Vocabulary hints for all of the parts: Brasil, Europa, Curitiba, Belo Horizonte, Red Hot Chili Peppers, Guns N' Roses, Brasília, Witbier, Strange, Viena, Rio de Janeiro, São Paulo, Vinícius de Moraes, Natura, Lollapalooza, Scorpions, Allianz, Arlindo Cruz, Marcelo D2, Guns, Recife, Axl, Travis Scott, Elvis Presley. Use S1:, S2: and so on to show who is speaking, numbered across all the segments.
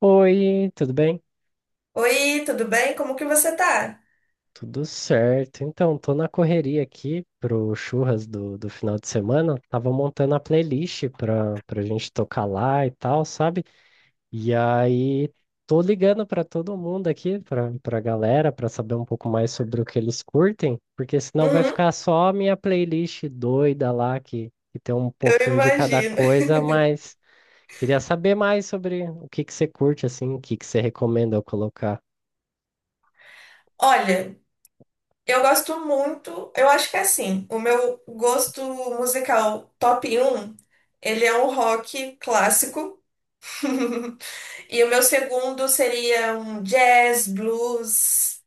S1: Oi, tudo bem?
S2: Oi, tudo bem? Como que você tá?
S1: Tudo certo. Então, tô na correria aqui pro churras do final de semana. Tava montando a playlist pra gente tocar lá e tal, sabe? E aí, tô ligando pra todo mundo aqui, pra galera, pra saber um pouco mais sobre o que eles curtem, porque senão vai
S2: Uhum,
S1: ficar só a minha playlist doida lá, que tem um
S2: eu
S1: pouquinho de cada
S2: imagino.
S1: coisa, mas queria saber mais sobre o que que você curte, assim, o que que você recomenda eu colocar.
S2: Olha, eu gosto muito, eu acho que é assim, o meu gosto musical top um, ele é um rock clássico. E o meu segundo seria um jazz, blues.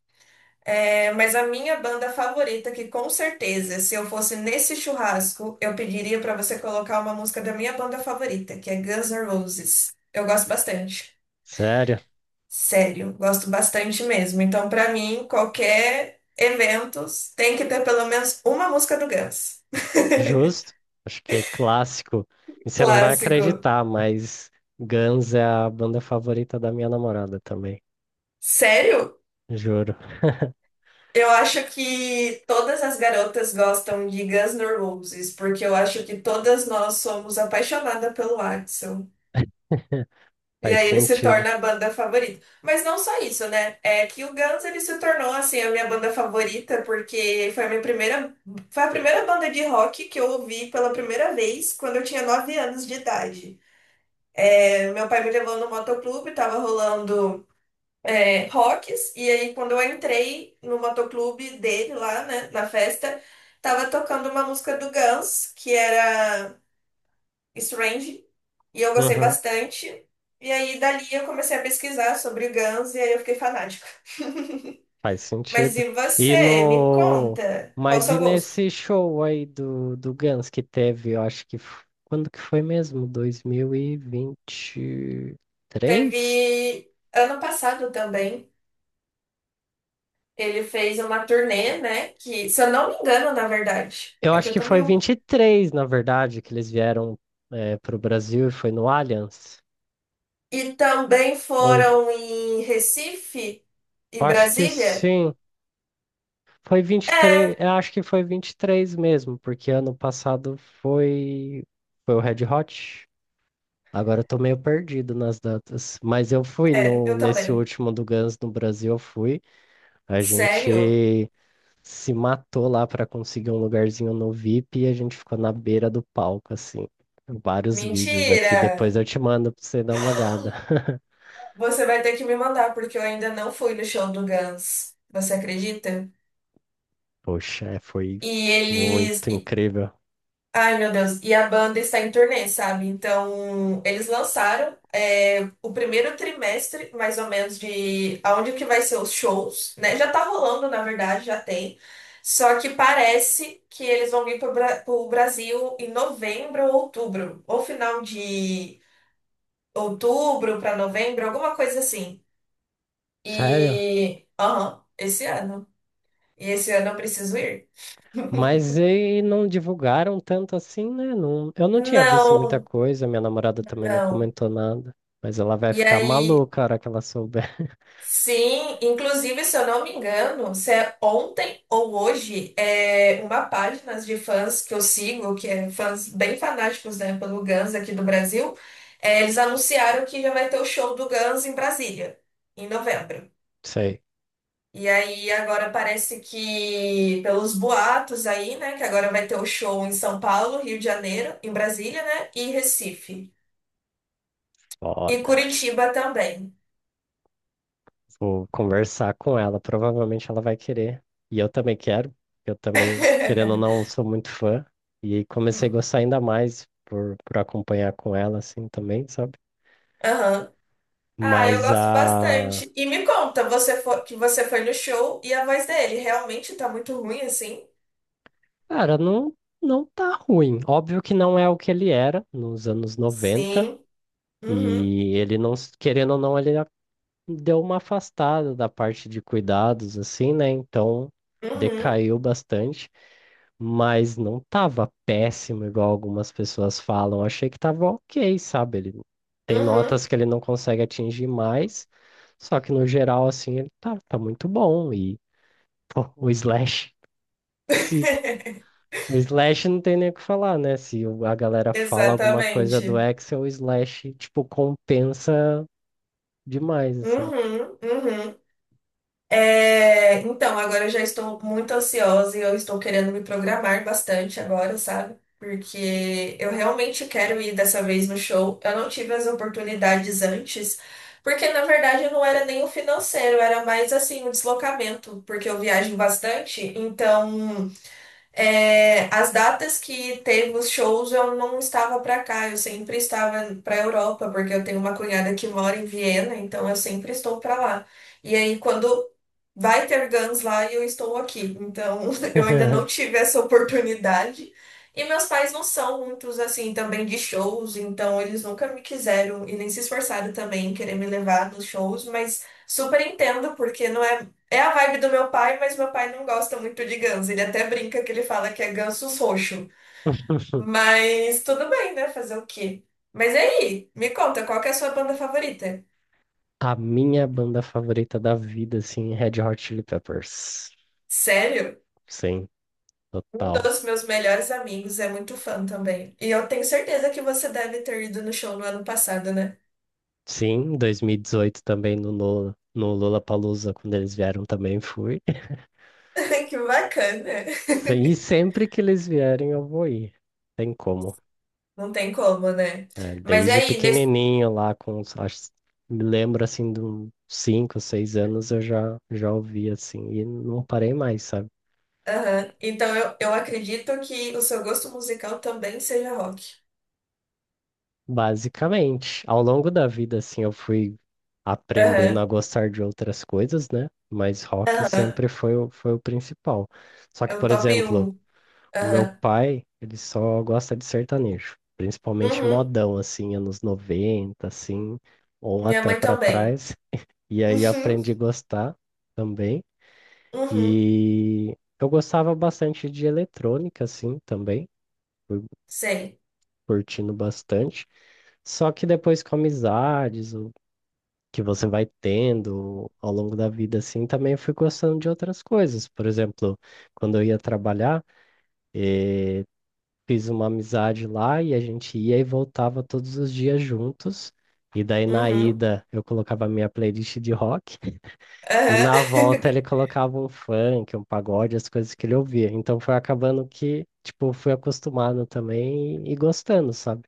S2: É, mas a minha banda favorita, que com certeza, se eu fosse nesse churrasco, eu pediria pra você colocar uma música da minha banda favorita, que é Guns N' Roses. Eu gosto bastante.
S1: Sério?
S2: Sério, gosto bastante mesmo. Então, pra mim, qualquer evento tem que ter pelo menos uma música do Guns.
S1: Justo, acho que é clássico. E você não vai
S2: Clássico.
S1: acreditar, mas Guns é a banda favorita da minha namorada também.
S2: Sério?
S1: Juro.
S2: Eu acho que todas as garotas gostam de Guns N' Roses, porque eu acho que todas nós somos apaixonadas pelo Axl. E
S1: Faz
S2: aí ele se
S1: sentido.
S2: torna a banda favorita. Mas não só isso, né? É que o Guns ele se tornou assim a minha banda favorita porque foi a primeira banda de rock que eu ouvi pela primeira vez quando eu tinha 9 anos de idade. É, meu pai me levou no motoclube, tava rolando rocks e aí quando eu entrei no motoclube dele lá, né, na festa, tava tocando uma música do Guns que era Strange. E eu gostei
S1: Uhum,
S2: bastante. E aí, dali, eu comecei a pesquisar sobre o Guns e aí eu fiquei fanática.
S1: faz
S2: Mas
S1: sentido.
S2: e
S1: E
S2: você? Me
S1: no.
S2: conta, qual o
S1: Mas e
S2: seu gosto?
S1: nesse show aí do Guns que teve, eu acho que. Quando que foi mesmo? dois mil e vinte e
S2: Teve
S1: três
S2: ano passado também, ele fez uma turnê, né? Que, se eu não me engano, na verdade,
S1: Eu
S2: é que
S1: acho
S2: eu
S1: que
S2: tô
S1: foi
S2: meio.
S1: 23 na verdade, que eles vieram para o Brasil e foi no Allianz.
S2: E também
S1: Ou
S2: foram em Recife e
S1: acho que
S2: Brasília?
S1: sim. Foi 23,
S2: É,
S1: eu acho que foi 23 mesmo, porque ano passado foi, foi o Red Hot. Agora eu tô meio perdido nas datas, mas eu fui
S2: é,
S1: no,
S2: eu
S1: nesse
S2: também.
S1: último do Guns no Brasil, eu fui. A
S2: Sério?
S1: gente se matou lá pra conseguir um lugarzinho no VIP e a gente ficou na beira do palco, assim. Vários vídeos
S2: Mentira!
S1: aqui, depois eu te mando pra você dar uma olhada.
S2: Você vai ter que me mandar, porque eu ainda não fui no show do Guns. Você acredita?
S1: Poxa, é, foi
S2: E eles.
S1: muito incrível.
S2: Ai, meu Deus. E a banda está em turnê, sabe? Então, eles lançaram o primeiro trimestre, mais ou menos, de aonde que vai ser os shows, né? Já tá rolando, na verdade, já tem. Só que parece que eles vão vir pro Brasil em novembro ou outubro. Ou final de outubro para novembro, alguma coisa assim.
S1: Sério?
S2: E. Aham, esse ano. E esse ano eu preciso ir?
S1: Mas e não divulgaram tanto assim, né? Não, eu não tinha visto muita
S2: Não,
S1: coisa, minha namorada também não
S2: não.
S1: comentou nada. Mas ela vai
S2: E
S1: ficar
S2: aí.
S1: maluca a hora que ela souber.
S2: Sim, inclusive, se eu não me engano, se é ontem ou hoje, é uma página de fãs que eu sigo, que é fãs bem fanáticos, né, pelo Guns aqui do Brasil, é, eles anunciaram que já vai ter o show do Guns em Brasília, em novembro.
S1: Sei,
S2: E aí agora parece que, pelos boatos aí, né, que agora vai ter o show em São Paulo, Rio de Janeiro, em Brasília, né, e Recife. E
S1: foda.
S2: Curitiba também.
S1: Vou conversar com ela, provavelmente ela vai querer. E eu também quero, eu também, querendo ou não, sou muito fã. E comecei a gostar ainda mais por acompanhar com ela, assim, também, sabe?
S2: Aham. Ah, eu
S1: Mas
S2: gosto
S1: a.
S2: bastante. E me conta, você foi, que você foi no show e a voz dele realmente tá muito ruim assim?
S1: Cara, não, não tá ruim. Óbvio que não é o que ele era nos anos 90.
S2: Sim. Uhum,
S1: E ele não, querendo ou não, deu uma afastada da parte de cuidados, assim, né? Então
S2: uhum,
S1: decaiu bastante, mas não tava péssimo, igual algumas pessoas falam. Achei que tava ok, sabe? Ele tem
S2: uhum.
S1: notas que ele não consegue atingir mais, só que no geral, assim, ele tá muito bom. E, pô, o Slash, se. O Slash não tem nem o que falar, né? Se a galera fala alguma coisa do
S2: Exatamente.
S1: Excel, o Slash, tipo, compensa demais, assim.
S2: Uhum, uhum. É, então, agora eu já estou muito ansiosa e eu estou querendo me programar bastante agora, sabe? Porque eu realmente quero ir dessa vez no show. Eu não tive as oportunidades antes, porque na verdade não era nem o financeiro, era mais assim o deslocamento, porque eu viajo bastante. Então, é, as datas que teve os shows eu não estava para cá, eu sempre estava para Europa, porque eu tenho uma cunhada que mora em Viena, então eu sempre estou para lá. E aí, quando Vai ter Guns lá e eu estou aqui. Então, eu ainda não tive essa oportunidade. E meus pais não são muitos, assim, também de shows, então eles nunca me quiseram e nem se esforçaram também em querer me levar nos shows, mas super entendo, porque não é. É a vibe do meu pai, mas meu pai não gosta muito de Guns. Ele até brinca que ele fala que é Gansos roxo. Mas tudo bem, né? Fazer o quê? Mas e aí, me conta, qual que é a sua banda favorita?
S1: A minha banda favorita da vida, assim, é Red Hot Chili Peppers.
S2: Sério?
S1: Sim,
S2: Um
S1: total.
S2: dos meus melhores amigos é muito fã também. E eu tenho certeza que você deve ter ido no show no ano passado, né?
S1: Sim, 2018 também Lula no Lollapalooza, quando eles vieram também fui.
S2: Que bacana.
S1: Sim, e sempre que eles vierem eu vou ir. Tem como.
S2: Não tem como, né?
S1: É,
S2: Mas é
S1: desde
S2: aí, nesse.
S1: pequenininho lá, com, acho, me lembro assim, de uns 5, 6 anos eu já ouvi assim, e não parei mais, sabe?
S2: Aham. Então eu acredito que o seu gosto musical também seja rock.
S1: Basicamente, ao longo da vida, assim, eu fui aprendendo
S2: Aham,
S1: a gostar de outras coisas, né? Mas rock
S2: aham.
S1: sempre foi o principal. Só
S2: É
S1: que,
S2: o
S1: por
S2: top
S1: exemplo,
S2: um.
S1: o meu
S2: Aham.
S1: pai, ele só gosta de sertanejo, principalmente
S2: Uhum.
S1: modão, assim, anos 90 assim, ou
S2: Minha
S1: até
S2: mãe
S1: para
S2: também.
S1: trás. E aí eu
S2: Uhum.
S1: aprendi a gostar também.
S2: Uhum.
S1: E eu gostava bastante de eletrônica, assim, também, fui
S2: Sei.
S1: curtindo bastante. Só que depois com amizades, que você vai tendo ao longo da vida, assim, também fui gostando de outras coisas. Por exemplo, quando eu ia trabalhar, fiz uma amizade lá e a gente ia e voltava todos os dias juntos. E daí na
S2: Uhum.
S1: ida eu colocava a minha playlist de rock e na
S2: Aham.
S1: volta ele colocava um funk, um pagode, as coisas que ele ouvia. Então foi acabando que, tipo, fui acostumado também e gostando, sabe?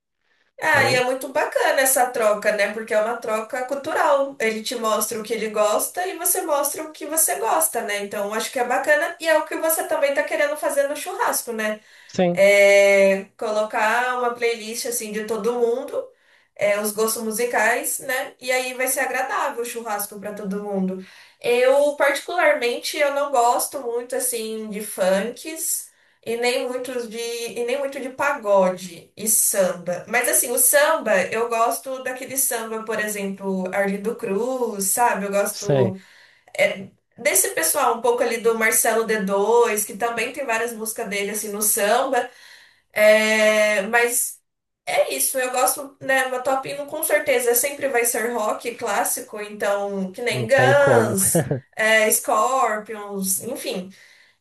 S2: Ah, e
S1: Então,
S2: é muito bacana essa troca, né? Porque é uma troca cultural. Ele te mostra o que ele gosta e você mostra o que você gosta, né? Então, acho que é bacana e é o que você também tá querendo fazer no churrasco, né?
S1: sim,
S2: É, colocar uma playlist assim de todo mundo, é, os gostos musicais, né? E aí vai ser agradável o churrasco para todo mundo. Eu, particularmente, eu não gosto muito assim de funks e nem muito de pagode e samba. Mas assim, o samba, eu gosto daquele samba, por exemplo, Arlindo Cruz, sabe? Eu
S1: sei,
S2: gosto é, desse pessoal um pouco ali do Marcelo D2, que também tem várias músicas dele assim no samba. É, mas é isso, eu gosto, né? Uma top hino com certeza sempre vai ser rock clássico, então, que nem
S1: não tem como.
S2: Guns, é, Scorpions, enfim.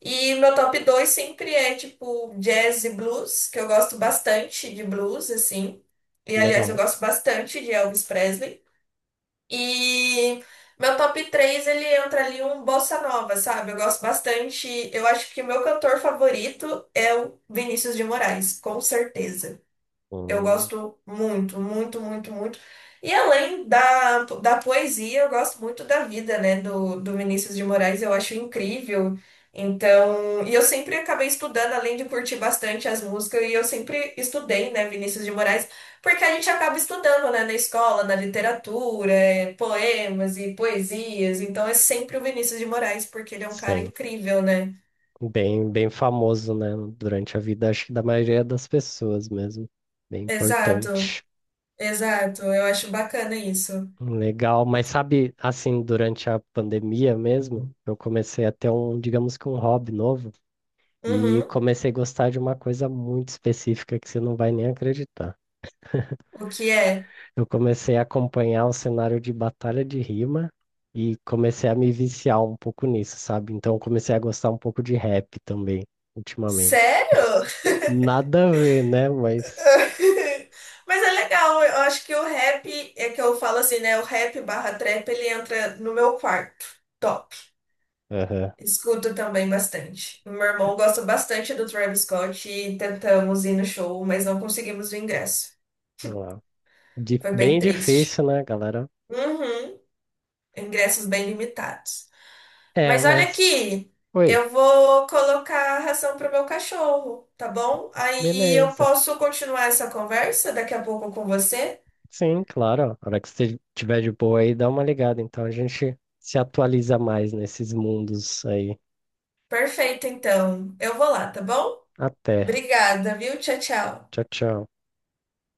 S2: E meu top 2 sempre é tipo jazz e blues, que eu gosto bastante de blues, assim. E aliás, eu
S1: Legal.
S2: gosto bastante de Elvis Presley. E meu top 3 ele entra ali um bossa nova, sabe? Eu gosto bastante. Eu acho que o meu cantor favorito é o Vinícius de Moraes, com certeza. Eu
S1: Hum,
S2: gosto muito, muito, muito, muito. E além da poesia, eu gosto muito da vida, né, do Vinícius de Moraes, eu acho incrível. Então, e eu sempre acabei estudando, além de curtir bastante as músicas, e eu sempre estudei, né, Vinícius de Moraes, porque a gente acaba estudando, né, na escola, na literatura, é, poemas e poesias. Então, é sempre o Vinícius de Moraes, porque ele é um cara
S1: sim.
S2: incrível, né?
S1: Bem, bem famoso, né? Durante a vida, acho que da maioria das pessoas mesmo. Bem
S2: Exato,
S1: importante.
S2: exato. Eu acho bacana isso.
S1: Legal, mas sabe, assim, durante a pandemia mesmo, eu comecei a ter um, digamos que um hobby novo, e
S2: Uhum.
S1: comecei a gostar de uma coisa muito específica que você não vai nem acreditar.
S2: O que é?
S1: Eu comecei a acompanhar o cenário de batalha de rima e comecei a me viciar um pouco nisso, sabe? Então comecei a gostar um pouco de rap também, ultimamente.
S2: Sério?
S1: Nada a ver, né? Mas.
S2: Mas é legal, eu acho que o rap, é que eu falo assim, né? O rap barra trap, ele entra no meu quarto. Top.
S1: Aham.
S2: Escuto também bastante. O meu irmão gosta bastante do Travis Scott e tentamos ir no show, mas não conseguimos o ingresso.
S1: Lá.
S2: Foi bem
S1: Bem
S2: triste.
S1: difícil, né, galera?
S2: Uhum. Ingressos bem limitados.
S1: É,
S2: Mas olha
S1: mas
S2: aqui,
S1: oi.
S2: eu vou colocar a ração pro meu cachorro, tá bom? Aí eu
S1: Beleza.
S2: posso continuar essa conversa daqui a pouco com você?
S1: Sim, claro. Ó, a hora que você tiver de boa aí, dá uma ligada. Então a gente se atualiza mais nesses mundos aí.
S2: Perfeito, então. Eu vou lá, tá bom?
S1: Até.
S2: Obrigada, viu? Tchau, tchau.
S1: Tchau, tchau.